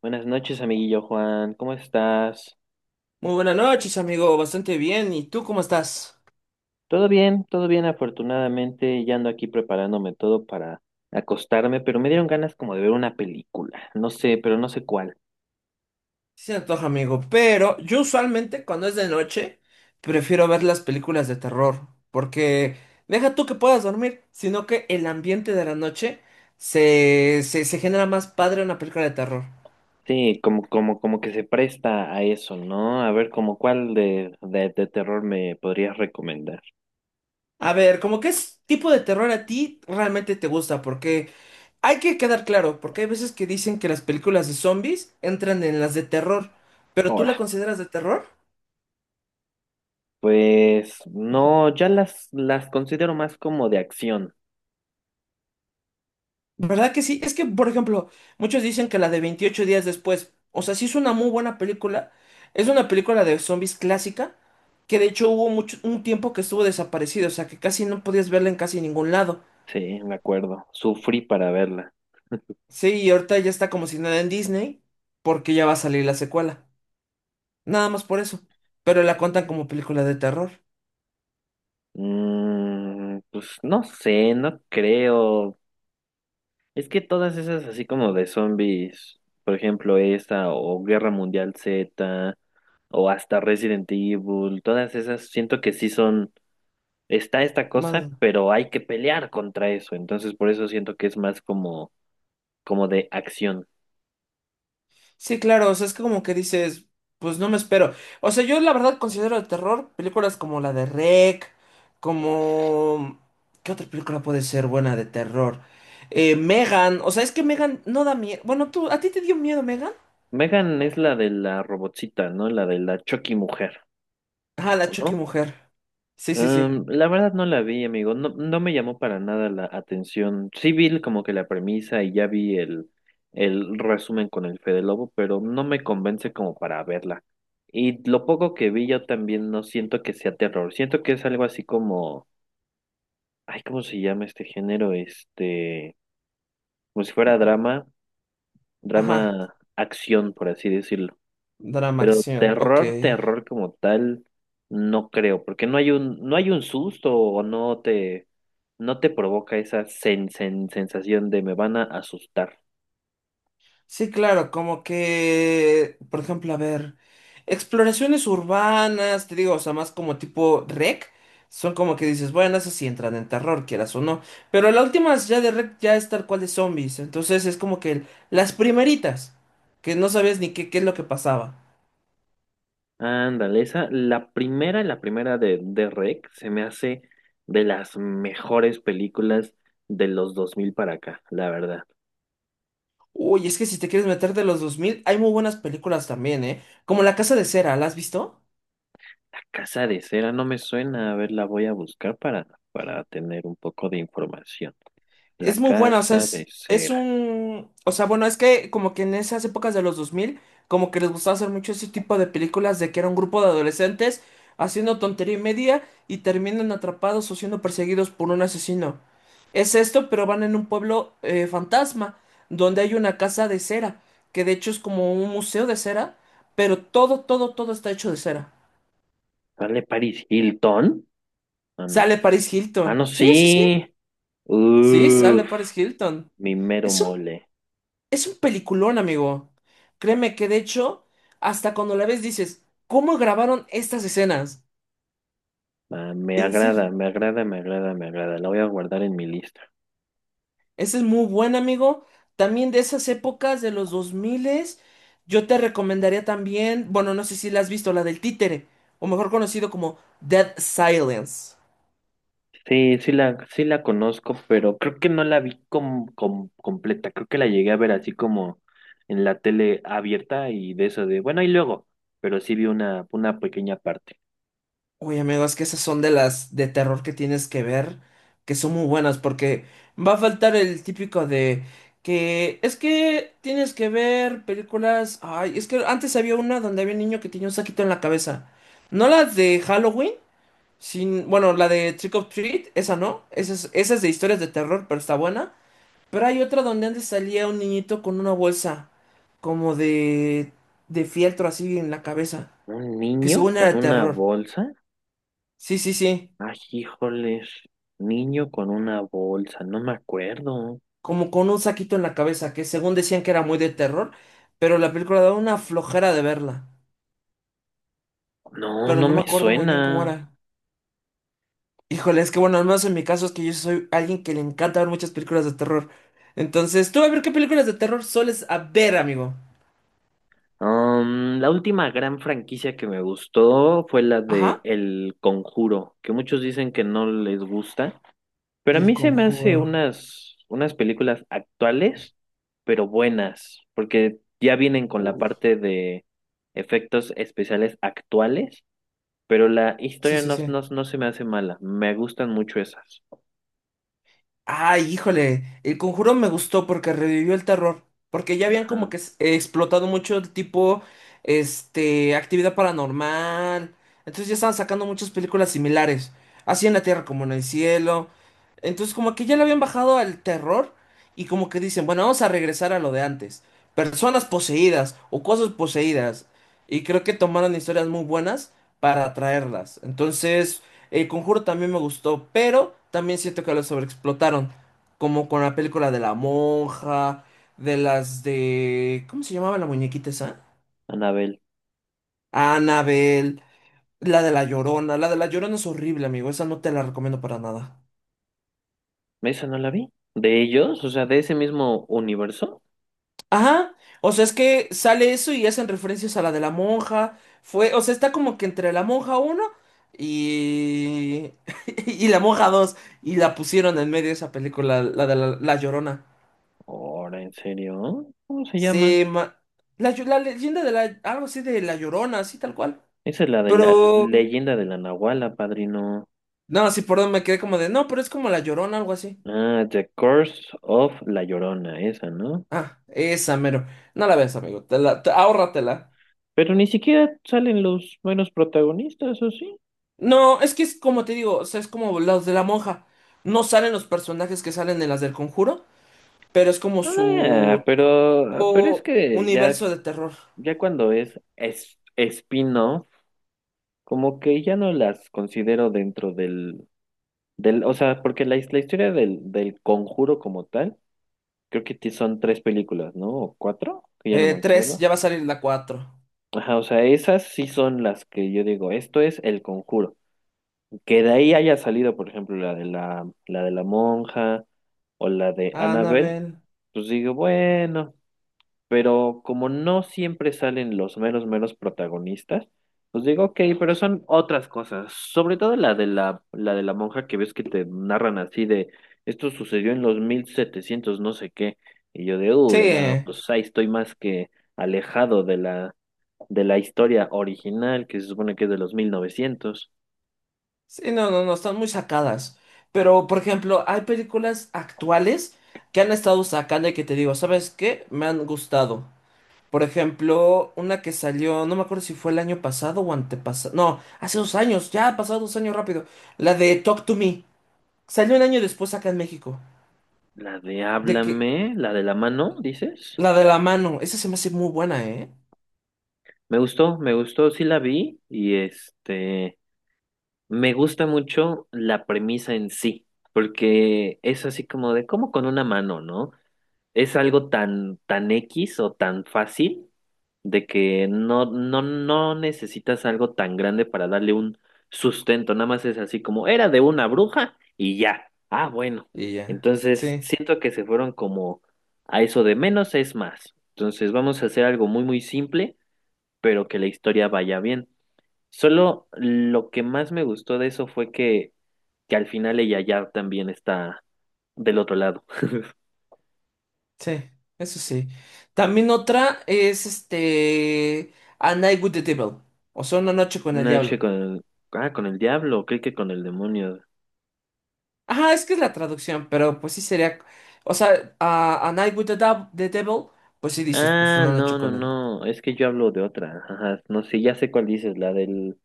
Buenas noches, amiguillo Juan. ¿Cómo estás? Muy buenas noches, amigo. Bastante bien. ¿Y tú cómo estás? Todo bien, afortunadamente. Ya ando aquí preparándome todo para acostarme, pero me dieron ganas como de ver una película. No sé, pero no sé cuál. Sí se antoja, amigo. Pero yo usualmente cuando es de noche prefiero ver las películas de terror. Porque deja tú que puedas dormir, sino que el ambiente de la noche se genera más padre una película de terror. Sí, como, como que se presta a eso, ¿no? A ver, como cuál de terror me podrías recomendar. A ver, ¿cómo tipo de terror a ti realmente te gusta? Porque hay que quedar claro, porque hay veces que dicen que las películas de zombies entran en las de terror. ¿Pero tú Ahora, la consideras de terror? pues no, ya las considero más como de acción. ¿Verdad que sí? Es que, por ejemplo, muchos dicen que la de 28 días después, o sea, sí es una muy buena película, es una película de zombies clásica, que de hecho hubo mucho, un tiempo que estuvo desaparecido, o sea, que casi no podías verla en casi ningún lado. Sí, me acuerdo. Sufrí para verla. Sí, y ahorita ya está como si nada en Disney, porque ya va a salir la secuela. Nada más por eso. Pero la cuentan como película de terror. Mm, pues no sé, no creo. Es que todas esas así como de zombies, por ejemplo esta o Guerra Mundial Z o hasta Resident Evil, todas esas siento que sí son, está esta cosa, Más. pero hay que pelear contra eso, entonces por eso siento que es más como, como de acción. Sí, claro, o sea, es que como que dices, pues no me espero. O sea, yo la verdad considero de terror películas como la de REC, como. ¿Qué otra película puede ser buena de terror? Megan, o sea, es que Megan no da miedo. Bueno, tú, ¿a ti te dio miedo Megan? Megan es la de la robotcita, ¿no? La de la Chucky mujer, Ah, la ¿o Chucky no? mujer. Sí, sí, sí. La verdad no la vi, amigo. No, no me llamó para nada la atención. Sí vi como que la premisa y ya vi el resumen con el Fede Lobo, pero no me convence como para verla. Y lo poco que vi yo también no siento que sea terror. Siento que es algo así como, ay, ¿cómo se llama este género? Este, como si fuera drama, Ajá. drama acción, por así decirlo. Drama Pero acción, ok. terror, terror como tal, no creo, porque no hay un, no hay un susto o no te, no te provoca esa sensación de me van a asustar. Sí, claro, como que, por ejemplo, a ver, exploraciones urbanas, te digo, o sea, más como tipo rec, son como que dices, bueno, esas sí entran en terror, quieras o no, pero la última ya de rec ya es tal cual de zombies, entonces es como que las primeritas, que no sabías ni qué es lo que pasaba. Ándale, esa, la primera de Rec se me hace de las mejores películas de los 2000 para acá, la verdad. Uy, es que si te quieres meter de los 2000 hay muy buenas películas también, ¿eh? Como La Casa de Cera, ¿la has visto? La Casa de Cera no me suena, a ver, la voy a buscar para tener un poco de información. La Es muy buena, o sea, Casa de es Cera. un. O sea, bueno, es que como que en esas épocas de los 2000 como que les gustaba hacer mucho ese tipo de películas de que era un grupo de adolescentes haciendo tontería y media y terminan atrapados o siendo perseguidos por un asesino. Es esto, pero van en un pueblo fantasma, donde hay una casa de cera, que de hecho es como un museo de cera, pero todo, todo, todo está hecho de cera. ¿Sale Paris Hilton? Ah, no. Sale Paris Ah, Hilton. no, Sí, sí, sí. sí. Sí, sale Uf, Paris Hilton. mi mero Es un mole. Es un peliculón, amigo. Créeme que de hecho, hasta cuando la ves dices, ¿cómo grabaron estas escenas? Ah, me En serio, agrada, me agrada, me agrada, me agrada. La voy a guardar en mi lista. ese es muy buen, amigo. También de esas épocas de los 2000, yo te recomendaría también, bueno, no sé si la has visto, la del títere, o mejor conocido como Dead Silence. Sí, sí la conozco, pero creo que no la vi completa. Creo que la llegué a ver así como en la tele abierta y de eso de, bueno, y luego, pero sí vi una pequeña parte. Uy, amigo, es que esas son de las de terror que tienes que ver, que son muy buenas, porque va a faltar el típico de que es que tienes que ver películas. Ay, es que antes había una donde había un niño que tenía un saquito en la cabeza. ¿No la de Halloween? Sin, bueno, la de Trick or Treat, esa no, esa es de historias de terror, pero está buena. Pero hay otra donde antes salía un niñito con una bolsa, como de fieltro así en la cabeza, ¿Un que niño según era con de una terror. bolsa? Sí, sí, sí. Ay, híjoles, niño con una bolsa, no me acuerdo. Como con un saquito en la cabeza, que según decían que era muy de terror, pero la película daba una flojera de verla. No, Pero no no me me acuerdo muy bien cómo suena. era. Híjole, es que bueno, al menos en mi caso es que yo soy alguien que le encanta ver muchas películas de terror. Entonces, tú a ver qué películas de terror sueles a ver, amigo. La última gran franquicia que me gustó fue la de Ajá. El Conjuro, que muchos dicen que no les gusta, pero a El mí se me hace Conjuro. unas, unas películas actuales, pero buenas, porque ya vienen con la Uy. parte de efectos especiales actuales, pero la Sí, historia sí, no, sí. no, no se me hace mala, me gustan mucho esas. Ay, híjole, el conjuro me gustó porque revivió el terror, porque ya habían como Ajá, que explotado mucho el tipo, este, actividad paranormal, entonces ya estaban sacando muchas películas similares, así en la tierra como en el cielo, entonces como que ya le habían bajado al terror y como que dicen, bueno, vamos a regresar a lo de antes, personas poseídas o cosas poseídas, y creo que tomaron historias muy buenas para atraerlas, entonces. El Conjuro también me gustó, pero también siento que lo sobreexplotaron. Como con la película de la monja, de las de. ¿Cómo se llamaba la muñequita esa? Anabel, Annabelle, la de la Llorona. La de la Llorona es horrible, amigo. Esa no te la recomiendo para nada. ¿esa no la vi? ¿De ellos? O sea, de ese mismo universo. Ajá. O sea, es que sale eso y hacen referencias a la de la monja. Fue, o sea, está como que entre la monja uno y. Y la monja dos. Y la pusieron en medio de esa película, la de la Llorona. Ahora, ¿en serio? ¿Cómo se llama? Se ma- la, llo- La leyenda de la. Algo así de La Llorona, así tal cual. Esa es la de la Pero. leyenda de la Nahuala, padrino. No, sí, perdón, me quedé como de. No, pero es como La Llorona, algo así. Ah, The Curse of La Llorona, esa, ¿no? Ah, esa mero. No la ves, amigo. Ahórratela. Pero ni siquiera salen los buenos protagonistas, ¿o sí? No, es que es como te digo, o sea, es como los de la monja. No salen los personajes que salen en las del Conjuro, pero es como Ah, su. Pero es O que ya, universo de terror. ya cuando es spin-off, como que ya no las considero dentro del, del, o sea, porque la historia del conjuro como tal, creo que son tres películas, ¿no? ¿O cuatro? Que ya no me Tres, acuerdo. ya va a salir la cuatro. Ajá, o sea, esas sí son las que yo digo, esto es el conjuro. Que de ahí haya salido, por ejemplo, la de la de la monja o la de Annabelle, Anabel. pues digo, bueno, pero como no siempre salen los meros, meros protagonistas, pues digo, ok, pero son otras cosas. Sobre todo la de la de la monja que ves que te narran así de, esto sucedió en los 1700 no sé qué, y yo de, Sí. uy, no, pues ahí estoy más que alejado de la historia original, que se supone que es de los 1900. Sí, no, no, no, están muy sacadas. Pero, por ejemplo, hay películas actuales que han estado sacando y que te digo, ¿sabes qué? Me han gustado. Por ejemplo, una que salió, no me acuerdo si fue el año pasado o antepasado. No, hace 2 años, ya ha pasado 2 años rápido. La de Talk to Me. Salió un año después acá en México. La de De que, Háblame, la de la mano, dices. la de la mano, esa se me hace muy buena, ¿eh? Me gustó, sí la vi y este, me gusta mucho la premisa en sí, porque es así como de cómo con una mano, ¿no? Es algo tan, tan X o tan fácil de que no, no, no necesitas algo tan grande para darle un sustento, nada más es así como era de una bruja y ya. Ah, bueno. Y ya. Entonces, Sí. siento que se fueron como a eso de menos es más. Entonces, vamos a hacer algo muy, muy simple, pero que la historia vaya bien. Solo lo que más me gustó de eso fue que al final ella ya también está del otro lado. Sí, eso sí. También otra es este A Night with the Devil. O sea, una noche con el Una noche diablo. con el... Ah, con el diablo, creí que con el demonio. Ajá, es que es la traducción, pero pues sí sería. O sea, a, A Night with the Devil, pues sí dices, pues Ah, una no, noche no, con él. no, es que yo hablo de otra. Ajá, no sé, ya sé cuál dices,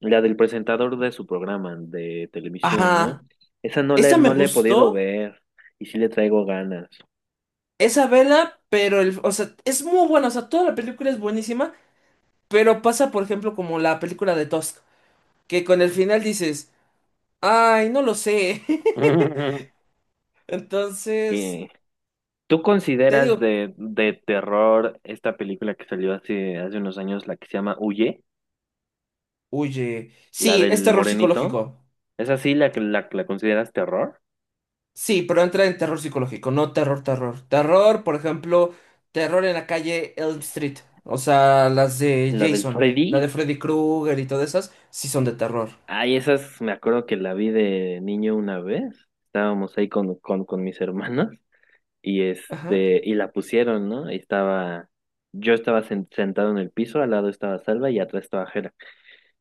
la del presentador de su programa de televisión, Ajá. ¿no? Esa no Esa me no la he podido gustó. ver y sí le traigo ganas. Esa vela, pero el, o sea, es muy buena. O sea, toda la película es buenísima. Pero pasa, por ejemplo, como la película de Tusk, que con el final dices, ay, no lo sé. Entonces, ¿Qué? ¿Tú te consideras digo. De terror esta película que salió hace, hace unos años, la que se llama Huye? Huye. La Sí, es del terror morenito. psicológico. ¿Es así la que que la consideras terror? Sí, pero entra en terror psicológico, no terror, terror. Terror, por ejemplo, terror en la calle Elm Street. O sea, las de ¿La del Jason, la Freddy? de Freddy Krueger y todas esas, sí son de terror. Ay, esas me acuerdo que la vi de niño una vez. Estábamos ahí con mis hermanos y Ajá, este, y la pusieron, ¿no? Y estaba, yo estaba sentado en el piso, al lado estaba Salva y atrás estaba Jera.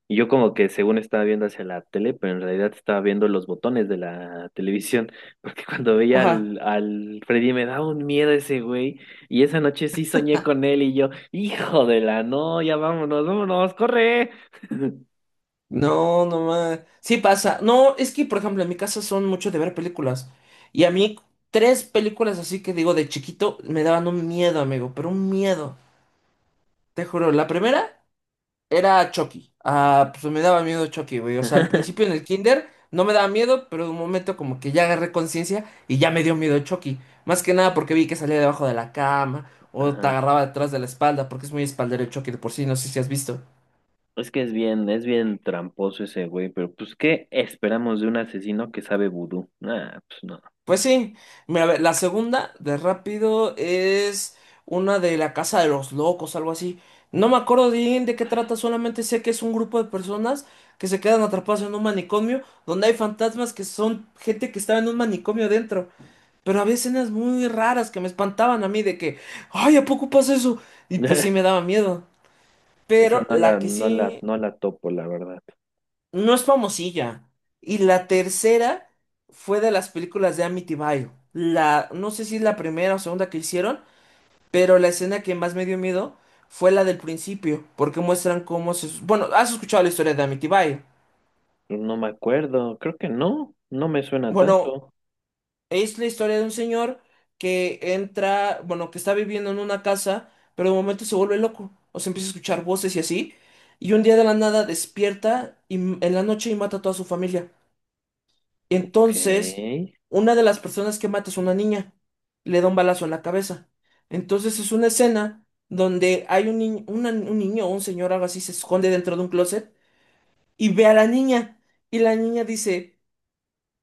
Y yo como que según estaba viendo hacia la tele, pero en realidad estaba viendo los botones de la televisión, porque cuando veía ajá. Al Freddy me daba un miedo ese güey. Y esa noche sí soñé con él y yo, hijo de la, no, ya vámonos, vámonos, corre. No, no más. Sí pasa. No, es que, por ejemplo, en mi casa son mucho de ver películas. Y a mí, tres películas así que digo de chiquito me daban un miedo, amigo, pero un miedo. Te juro, la primera. Era Chucky. Ah, pues me daba miedo Chucky, güey. O sea, al principio en el kinder no me daba miedo, pero de un momento como que ya agarré conciencia y ya me dio miedo Chucky. Más que nada porque vi que salía debajo de la cama o te Ajá. agarraba detrás de la espalda, porque es muy espaldero el Chucky de por sí, no sé si has visto. Es que es bien tramposo ese güey, pero pues, ¿qué esperamos de un asesino que sabe vudú? Ah, pues no. Pues sí, mira, a ver, la segunda de rápido es una de la Casa de los Locos, algo así. No me acuerdo bien de qué trata, solamente sé que es un grupo de personas que se quedan atrapadas en un manicomio donde hay fantasmas que son gente que estaba en un manicomio dentro. Pero había escenas muy raras que me espantaban a mí de que, ay, ¿a poco pasa eso? Y pues sí me daba miedo. Esa Pero la que sí no la topo, la verdad. no es famosilla. Y la tercera fue de las películas de Amityville. La, no sé si es la primera o segunda que hicieron, pero la escena que más me dio miedo fue la del principio, porque muestran cómo se. Bueno, ¿has escuchado la historia de Amityville? No me acuerdo, creo que no, no me suena Bueno, tanto. es la historia de un señor que entra, bueno, que está viviendo en una casa, pero de momento se vuelve loco, o se empieza a escuchar voces y así, y un día de la nada despierta y, en la noche y mata a toda su familia. Y Ok, entonces, una de las personas que mata es una niña. Le da un balazo en la cabeza. Entonces es una escena donde hay un niño o un señor, algo así, se esconde dentro de un closet y ve a la niña. Y la niña dice,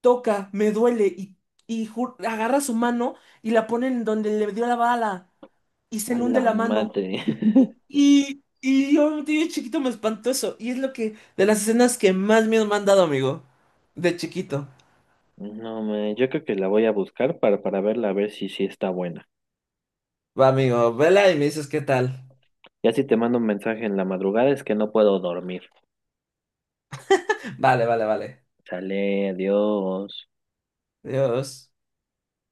toca, me duele. Y agarra su mano y la pone en donde le dio la bala. Y se a le hunde la la mano. madre. Y, y, y yo, de chiquito, me espantó eso. Y es lo que, de las escenas que más miedo me han dado, amigo. De chiquito. No, me, yo creo que la voy a buscar para verla, a ver si sí está buena. Va, amigo, vela y me dices qué tal. Ya si te mando un mensaje en la madrugada es que no puedo dormir. Vale, vale, vale. Sale, adiós. Adiós.